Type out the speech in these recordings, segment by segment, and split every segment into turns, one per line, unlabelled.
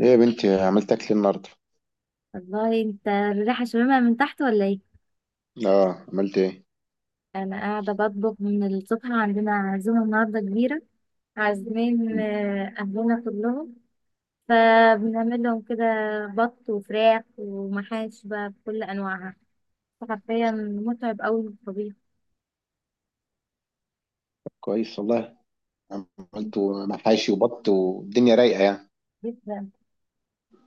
ايه يا بنتي عملت اكل النهارده.
والله انت الريحة شممها من تحت ولا ايه؟
اه عملت ايه.
انا قاعدة بطبخ من الصبح، عندنا عزومة النهاردة كبيرة. عازمين اهلنا كلهم. فبنعمل لهم كده بط وفراخ ومحاش بقى بكل انواعها. حرفيا متعب قوي الطبيخ،
كويس والله. عملت محاشي وبط والدنيا رايقه يعني.
جدا.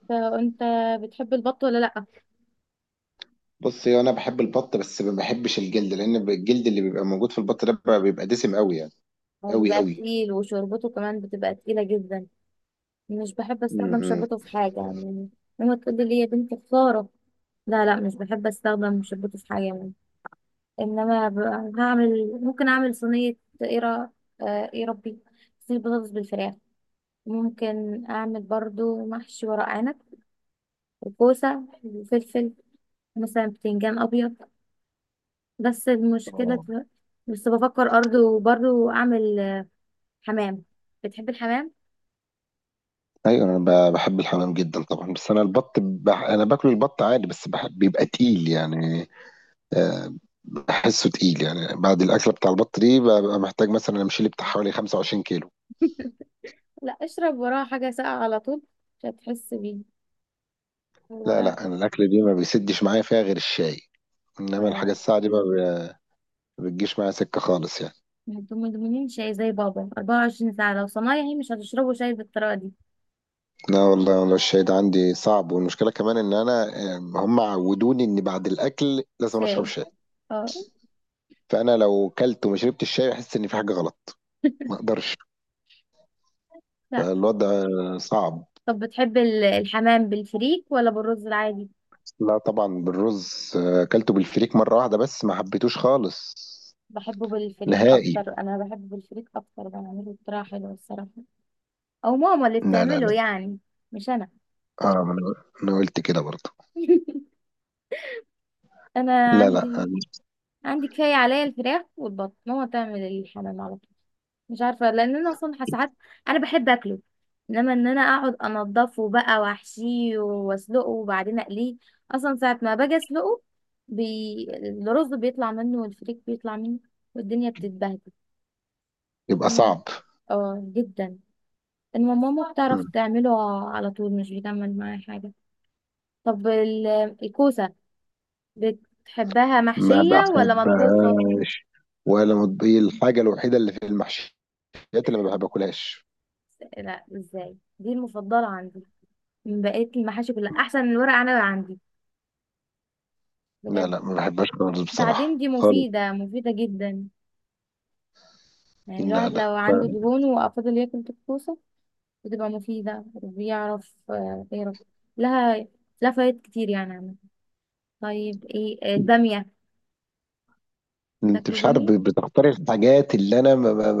فانت بتحب البط ولا لا؟
بص هو انا بحب البط بس ما بحبش الجلد لان الجلد اللي بيبقى موجود في البط ده بيبقى دسم قوي يعني.
هو
قوي
بيبقى
قوي.
تقيل وشوربته كمان بتبقى تقيلة جدا. مش بحب استخدم
امم
شوربته في حاجة يعني. ماما تقول لي يا بنتي خسارة. لا لا، مش بحب استخدم شوربته في حاجة. انما ب- هعمل، ممكن اعمل صينيه. ايه را- إيه ربي، صينيه بطاطس بالفراخ. ممكن اعمل برضو محشي ورق عنب وكوسه وفلفل، مثلا بتنجان ابيض. بس المشكله
اه.
ت- بس بفكر برضو برضو اعمل حمام. بتحب الحمام؟
ايوه انا بحب الحمام جدا طبعا، بس انا البط انا باكل البط عادي بس بحب بيبقى تقيل يعني. آه بحسه تقيل يعني، بعد الاكله بتاع البط دي ببقى محتاج مثلا امشي لي بتاع حوالي 25 كيلو.
لا، اشرب وراه حاجه ساقعه على طول، مش هتحس بيه.
لا
هو
لا انا الاكله دي ما بيسدش معايا فيها غير الشاي،
ف-
انما الحاجة الساعة دي ما ب- بتجيش معايا سكة خالص يعني.
ما تدمنين شاي زي بابا 24 ساعه، لو صنايعي مش هتشربوا شاي بالطريقه دي.
لا والله والله الشاي ده عندي صعب، والمشكلة كمان ان انا آم، هم عودوني ان بعد الاكل لازم أنا اشرب
شاي،
شاي.
اه.
فانا لو كلت وما شربتش شاي احس ان في حاجة غلط، ما اقدرش. الوضع صعب.
طب بتحب الحمام بالفريك ولا بالرز العادي؟
لا طبعا بالرز، اكلته بالفريك مرة واحدة بس ما حبيتوش خالص،
بحبه بالفريك
نهائي.
اكتر، انا بحبه بالفريك اكتر، بعمله بطريقه حلوه الصراحه، او ماما اللي
لا لا
بتعمله
لا.
يعني، مش انا.
اه ما انا، أنا قلت كده برضه.
انا
لا لا
عندي
آه،
عندي كفايه عليا الفراخ والبط، ماما تعمل الحمام على طول. مش عارفه لان انا اصلا ساعات، انا بحب اكله، انما ان انا اقعد انضفه بقى واحشيه واسلقه وبعدين اقليه. اصلا ساعه ما باجي اسلقه، بي... الرز بيطلع منه والفريك بيطلع منه والدنيا بتتبهدل.
يبقى
مم.
صعب.
اه جدا. انما ماما بتعرف
مم.
تعمله على طول، مش بتعمل معايا حاجة. طب الكوسة بتحبها
ما
محشية ولا
بحب
مطبوخة؟
ولا هي الحاجة الوحيدة اللي في المحشي، الحاجات اللي ما بحب اكلهاش.
لا، ازاي دي المفضلة عندي من بقية المحاشي كلها، احسن من الورق عنب عندي،
لا
بجد.
لا ما بحبهاش خالص
بعدين
بصراحة،
دي
خالص.
مفيدة، مفيدة جدا، يعني
لا
الواحد
لا
لو عنده
ما.
دهون وافضل ياكل الكوسة، بتبقى مفيدة وبيعرف يعرف لها، فوائد كتير يعني عامة. طيب ايه البامية،
انت
بتاكلوا
مش عارف،
بامية؟
بتختار الحاجات اللي انا ما ما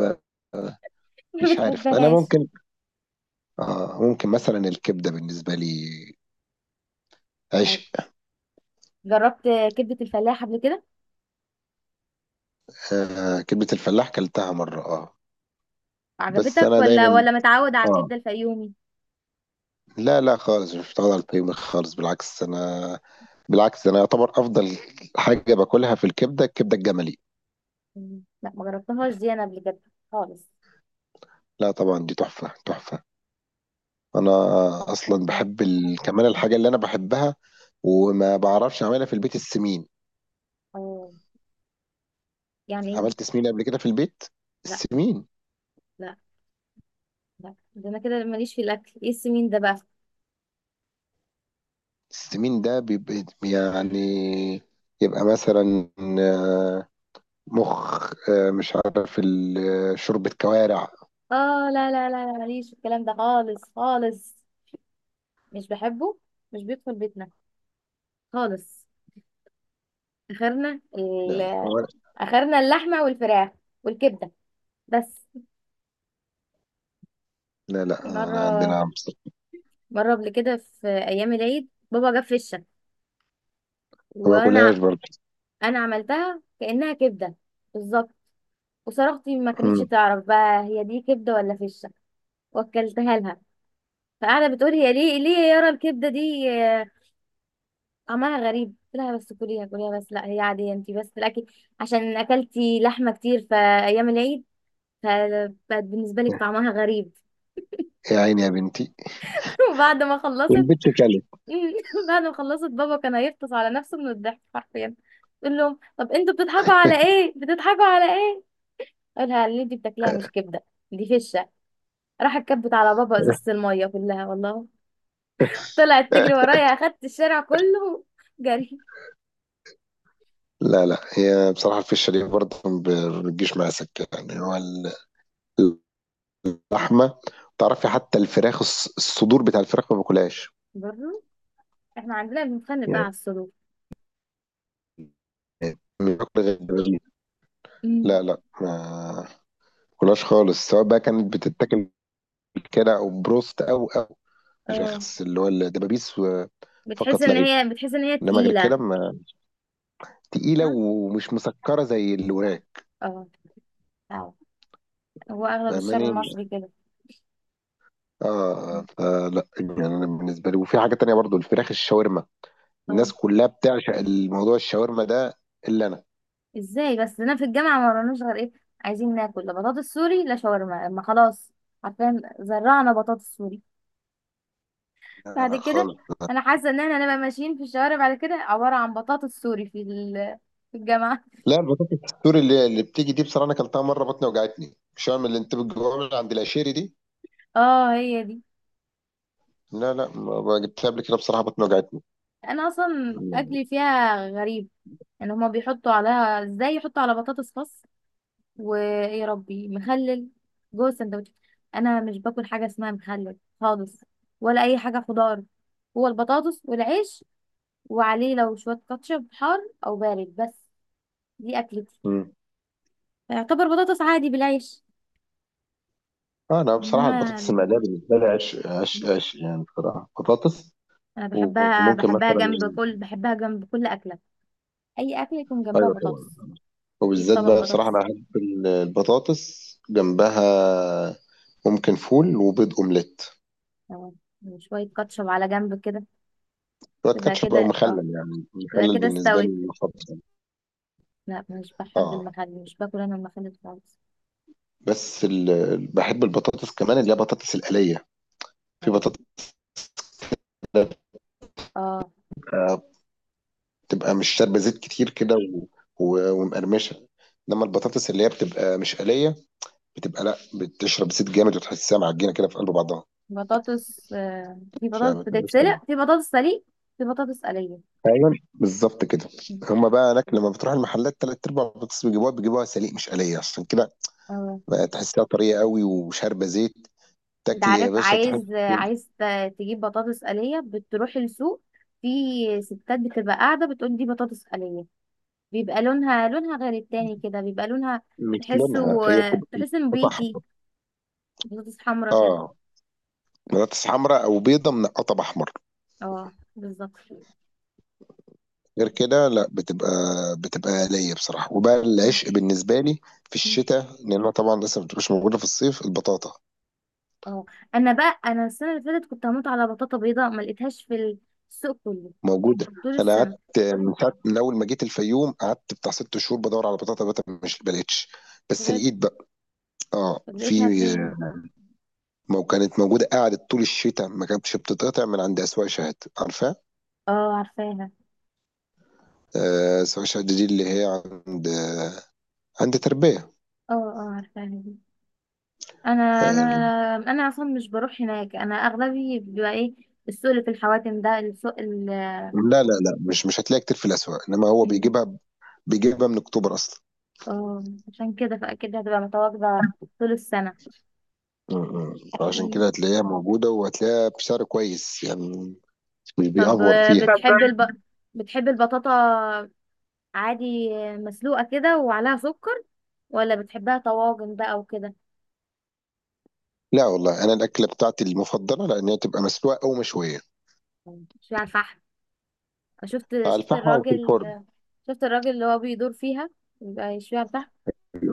ما
ما
مش عارف، انا
بتحبهاش؟
ممكن آه، ممكن مثلا الكبدة بالنسبة لي
طيب
عشق.
جربت كبدة الفلاح قبل كده؟
آه كبدة الفلاح كلتها مرة، اه. بس
عجبتك
انا
ولا
دايما
متعود على
اه،
الكبدة الفيومي؟
لا لا خالص مش متعود على البيض خالص، بالعكس انا، بالعكس انا يعتبر افضل حاجة باكلها في الكبدة، الكبدة الجملي.
لا ما جربتهاش دي انا قبل كده خالص.
لا طبعا دي تحفة تحفة. انا اصلا
ممكن؟
كمان الحاجه اللي انا بحبها وما بعرفش اعملها في البيت، السمين.
اه، يعني
عملت
ايه؟
سمين قبل كده في البيت؟
لا
السمين،
لا لا، ده انا كده ماليش في الاكل، ايه السمين ده بقى؟
السمين ده بيبقى يعني، يبقى مثلا آه، مخ، مش عارف شوربة كوارع.
اه لا لا لا لا، ماليش في الكلام ده خالص خالص، مش بحبه، مش بيدخل بيتنا خالص. اخرنا ال...
لا لا كوارع.
اخرنا اللحمة والفراخ والكبدة بس.
لا لا انا عندنا
مرة،
عمس.
مرة قبل كده في ايام العيد بابا جاب فشة،
ما
وانا
باكلهاش برضه.
انا عملتها كانها كبده بالظبط، وصاحبتي ما كانتش
مم.
تعرف بقى هي دي كبده ولا فشه، واكلتها لها. فقاعده بتقول هي، ليه ليه يا يارا الكبده دي طعمها غريب؟ قلت لها بس كليها كليها، بس لا هي عاديه، انت بس الاكل عشان اكلتي لحمه كتير في ايام العيد فبقت بالنسبه لك طعمها غريب.
يا عيني يا بنتي.
وبعد ما خلصت،
والبت كلت.
بعد ما خلصت بابا كان هيفطس على نفسه من الضحك حرفيا. تقول لهم طب انتوا بتضحكوا على ايه، بتضحكوا على ايه؟ قالها اللي انت بتاكليها مش كبده، دي فشه. راح كبت على بابا ازازه الميه كلها والله. طلعت تجري ورايا، اخدت الشارع كله جري.
لا لا هي بصراحة الفشة دي برضه ما بتجيش مع سكة يعني. هو اللحمه، تعرفي حتى الفراخ الصدور بتاع الفراخ ما باكلهاش
برضه احنا عندنا بنتخانق بقى على
يعني،
السلوك.
مش باكل غير الدبابيس.
امم،
لا لا ما باكلهاش خالص، سواء بقى كانت بتتاكل كده او بروست او الفراخ
اه.
اللي هو الدبابيس فقط لا غير.
بتحس ان هي
انما غير كده
تقيله.
ما، تقيله
صح،
ومش مسكره زي الوراك.
اه، اه. هو اغلب الشعب
فاهماني؟
المصري كده.
اه لا يعني انا بالنسبه لي، وفي حاجه تانية برضو الفراخ الشاورما،
اه،
الناس كلها بتعشق الموضوع الشاورما ده، الا انا.
ازاي بس انا في الجامعه ما وراناش غير ايه، عايزين ناكل لا بطاطس سوري لا شاورما، ما خلاص. عارفين زرعنا بطاطس سوري
لا
بعد
لا
كده.
خالص.
انا حاسه ان احنا هنبقى ماشيين في الشوارع بعد كده عباره عن بطاطس سوري في في الجامعه.
لا البطاطس السوري اللي بتيجي دي بصراحه انا اكلتها مره بطني وجعتني، مش هعمل اللي انت بتجيبها من عند العشيري دي.
اه هي دي.
لا لا ما جبتها قبل كده بصراحه بطني وجعتني.
انا اصلا اكلي فيها غريب، يعني هما بيحطوا عليها ازاي، يحطوا على بطاطس خس، ويا ربي مخلل جوه السندوتش. انا مش باكل حاجه اسمها مخلل خالص، ولا اي حاجه خضار، هو البطاطس والعيش، وعليه لو شويه كاتشب حار او بارد بس. دي اكلتي،
امم
يعتبر بطاطس عادي بالعيش.
آه انا بصراحه البطاطس
انما
المقليه بالنسبه لي عش عش عش، يعني بصراحه بطاطس.
انا بحبها،
وممكن مثلا،
بحبها جنب كل اكله، اي اكله يكون جنبها
ايوه طبعا،
بطاطس، في
وبالذات
طبق
بقى بصراحه انا
بطاطس.
احب البطاطس جنبها، ممكن فول وبيض اومليت.
اه، وشويه كاتشب على جنب كده.
شويه
تبقى
كاتشب او
كده اه،
مخلل، يعني
تبقى
مخلل
كده
بالنسبه
استوت.
لي مفضل.
لا، مش بحب
اه
المخلل، مش باكل انا المخلل خالص.
بس بحب البطاطس كمان اللي هي بطاطس القليه. في
اه،
بطاطس
اه.
بتبقى مش شاربة زيت كتير كده ومقرمشة. انما البطاطس اللي هي بتبقى مش قلية بتبقى لا، بتشرب زيت جامد وتحسها معجنة كده في قلب بعضها.
بطاطس في
مش
بطاطس
ما تبقاش سلمة.
بتتسلق، في بطاطس سليق، في بطاطس قليه.
ايوه بالظبط كده. هما بقى هناك لما بتروح المحلات تلات ارباع البطاطس بيجيبوها سليق مش قلية، عشان كده
اه.
بقى تحسها طرية قوي وشاربة زيت،
انت
تاكل يا
عارف،
باشا تحس.
عايز تجيب بطاطس قليه، بتروح السوق، في ستات بتبقى قاعده بتقول دي بطاطس قليه، بيبقى لونها، غير التاني كده، بيبقى لونها
مش لونها،
تحسه
هي بتبقى
تحسه
قطع
نبيتي،
احمر.
بطاطس حمرا كده.
اه بطاطس حمراء او بيضة منقطة باحمر.
اه بالظبط.
غير كده لا بتبقى، بتبقى آلية بصراحة. وبقى العشق بالنسبة لي في الشتاء، لأنها طبعا لسه ما بتبقاش موجودة في الصيف، البطاطا.
اه، انا بقى، السنه اللي فاتت كنت هموت على بطاطا بيضاء، ما لقيتهاش في السوق كله
موجودة.
طول
أنا
السنه.
قعدت من ساعة، من أول ما جيت الفيوم قعدت بتاع ست شهور بدور على بطاطا بقى مش بلاقيتش، بس
بجد؟
لقيت بقى. اه
طب
في.
لقيتها فين؟
كانت موجودة، قعدت طول الشتاء ما كانتش بتتقطع من عند أسواق شهد، عارفة؟
اه عارفاها،
آه أسواق شهد دي اللي هي عند، عند تربية.
اه اه عارفاها دي. انا
آه.
انا انا اصلا مش بروح هناك، انا اغلبي بيبقى ايه، السوق اللي في الحواتم ده، السوق ال
لا لا لا مش، مش هتلاقي كتير في الأسواق، إنما هو بيجيبها، بيجيبها من أكتوبر أصلا.
اه عشان كده فاكيد هتبقى متواجده طول السنه.
م. عشان
مم.
كده هتلاقيها موجودة وهتلاقيها بسعر كويس يعني، مش
طب
بيأفور فيها. طب
بتحب بتحب البطاطا عادي مسلوقة كده وعليها سكر، ولا بتحبها طواجن بقى وكده،
لا والله أنا الأكلة بتاعتي المفضلة لأن هي تبقى مسلوقة أو مشوية
مش على الفحم؟ شفت،
على الفحم أو في
الراجل،
الفرن.
شفت الراجل اللي هو بيدور فيها يبقى يشويها على الفحم،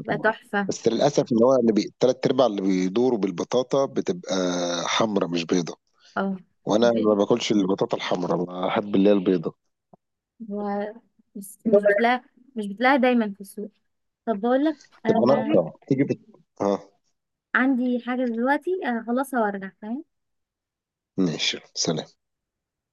يبقى تحفة.
بس للأسف إن هو تلات أرباع اللي بيدوروا بالبطاطا بتبقى حمرا مش بيضة،
اه.
وأنا ما
بي-
باكلش البطاطا الحمرا، بحب اللي هي البيضة.
و... بس مش بتلاقي، مش بتلاقي دايما في السوق. طب بقول لك،
تبقى هقول
انا
ناقصة تيجي بت... آه
عندي حاجة دلوقتي اخلصها وارجع تمام.
ماشي سلام.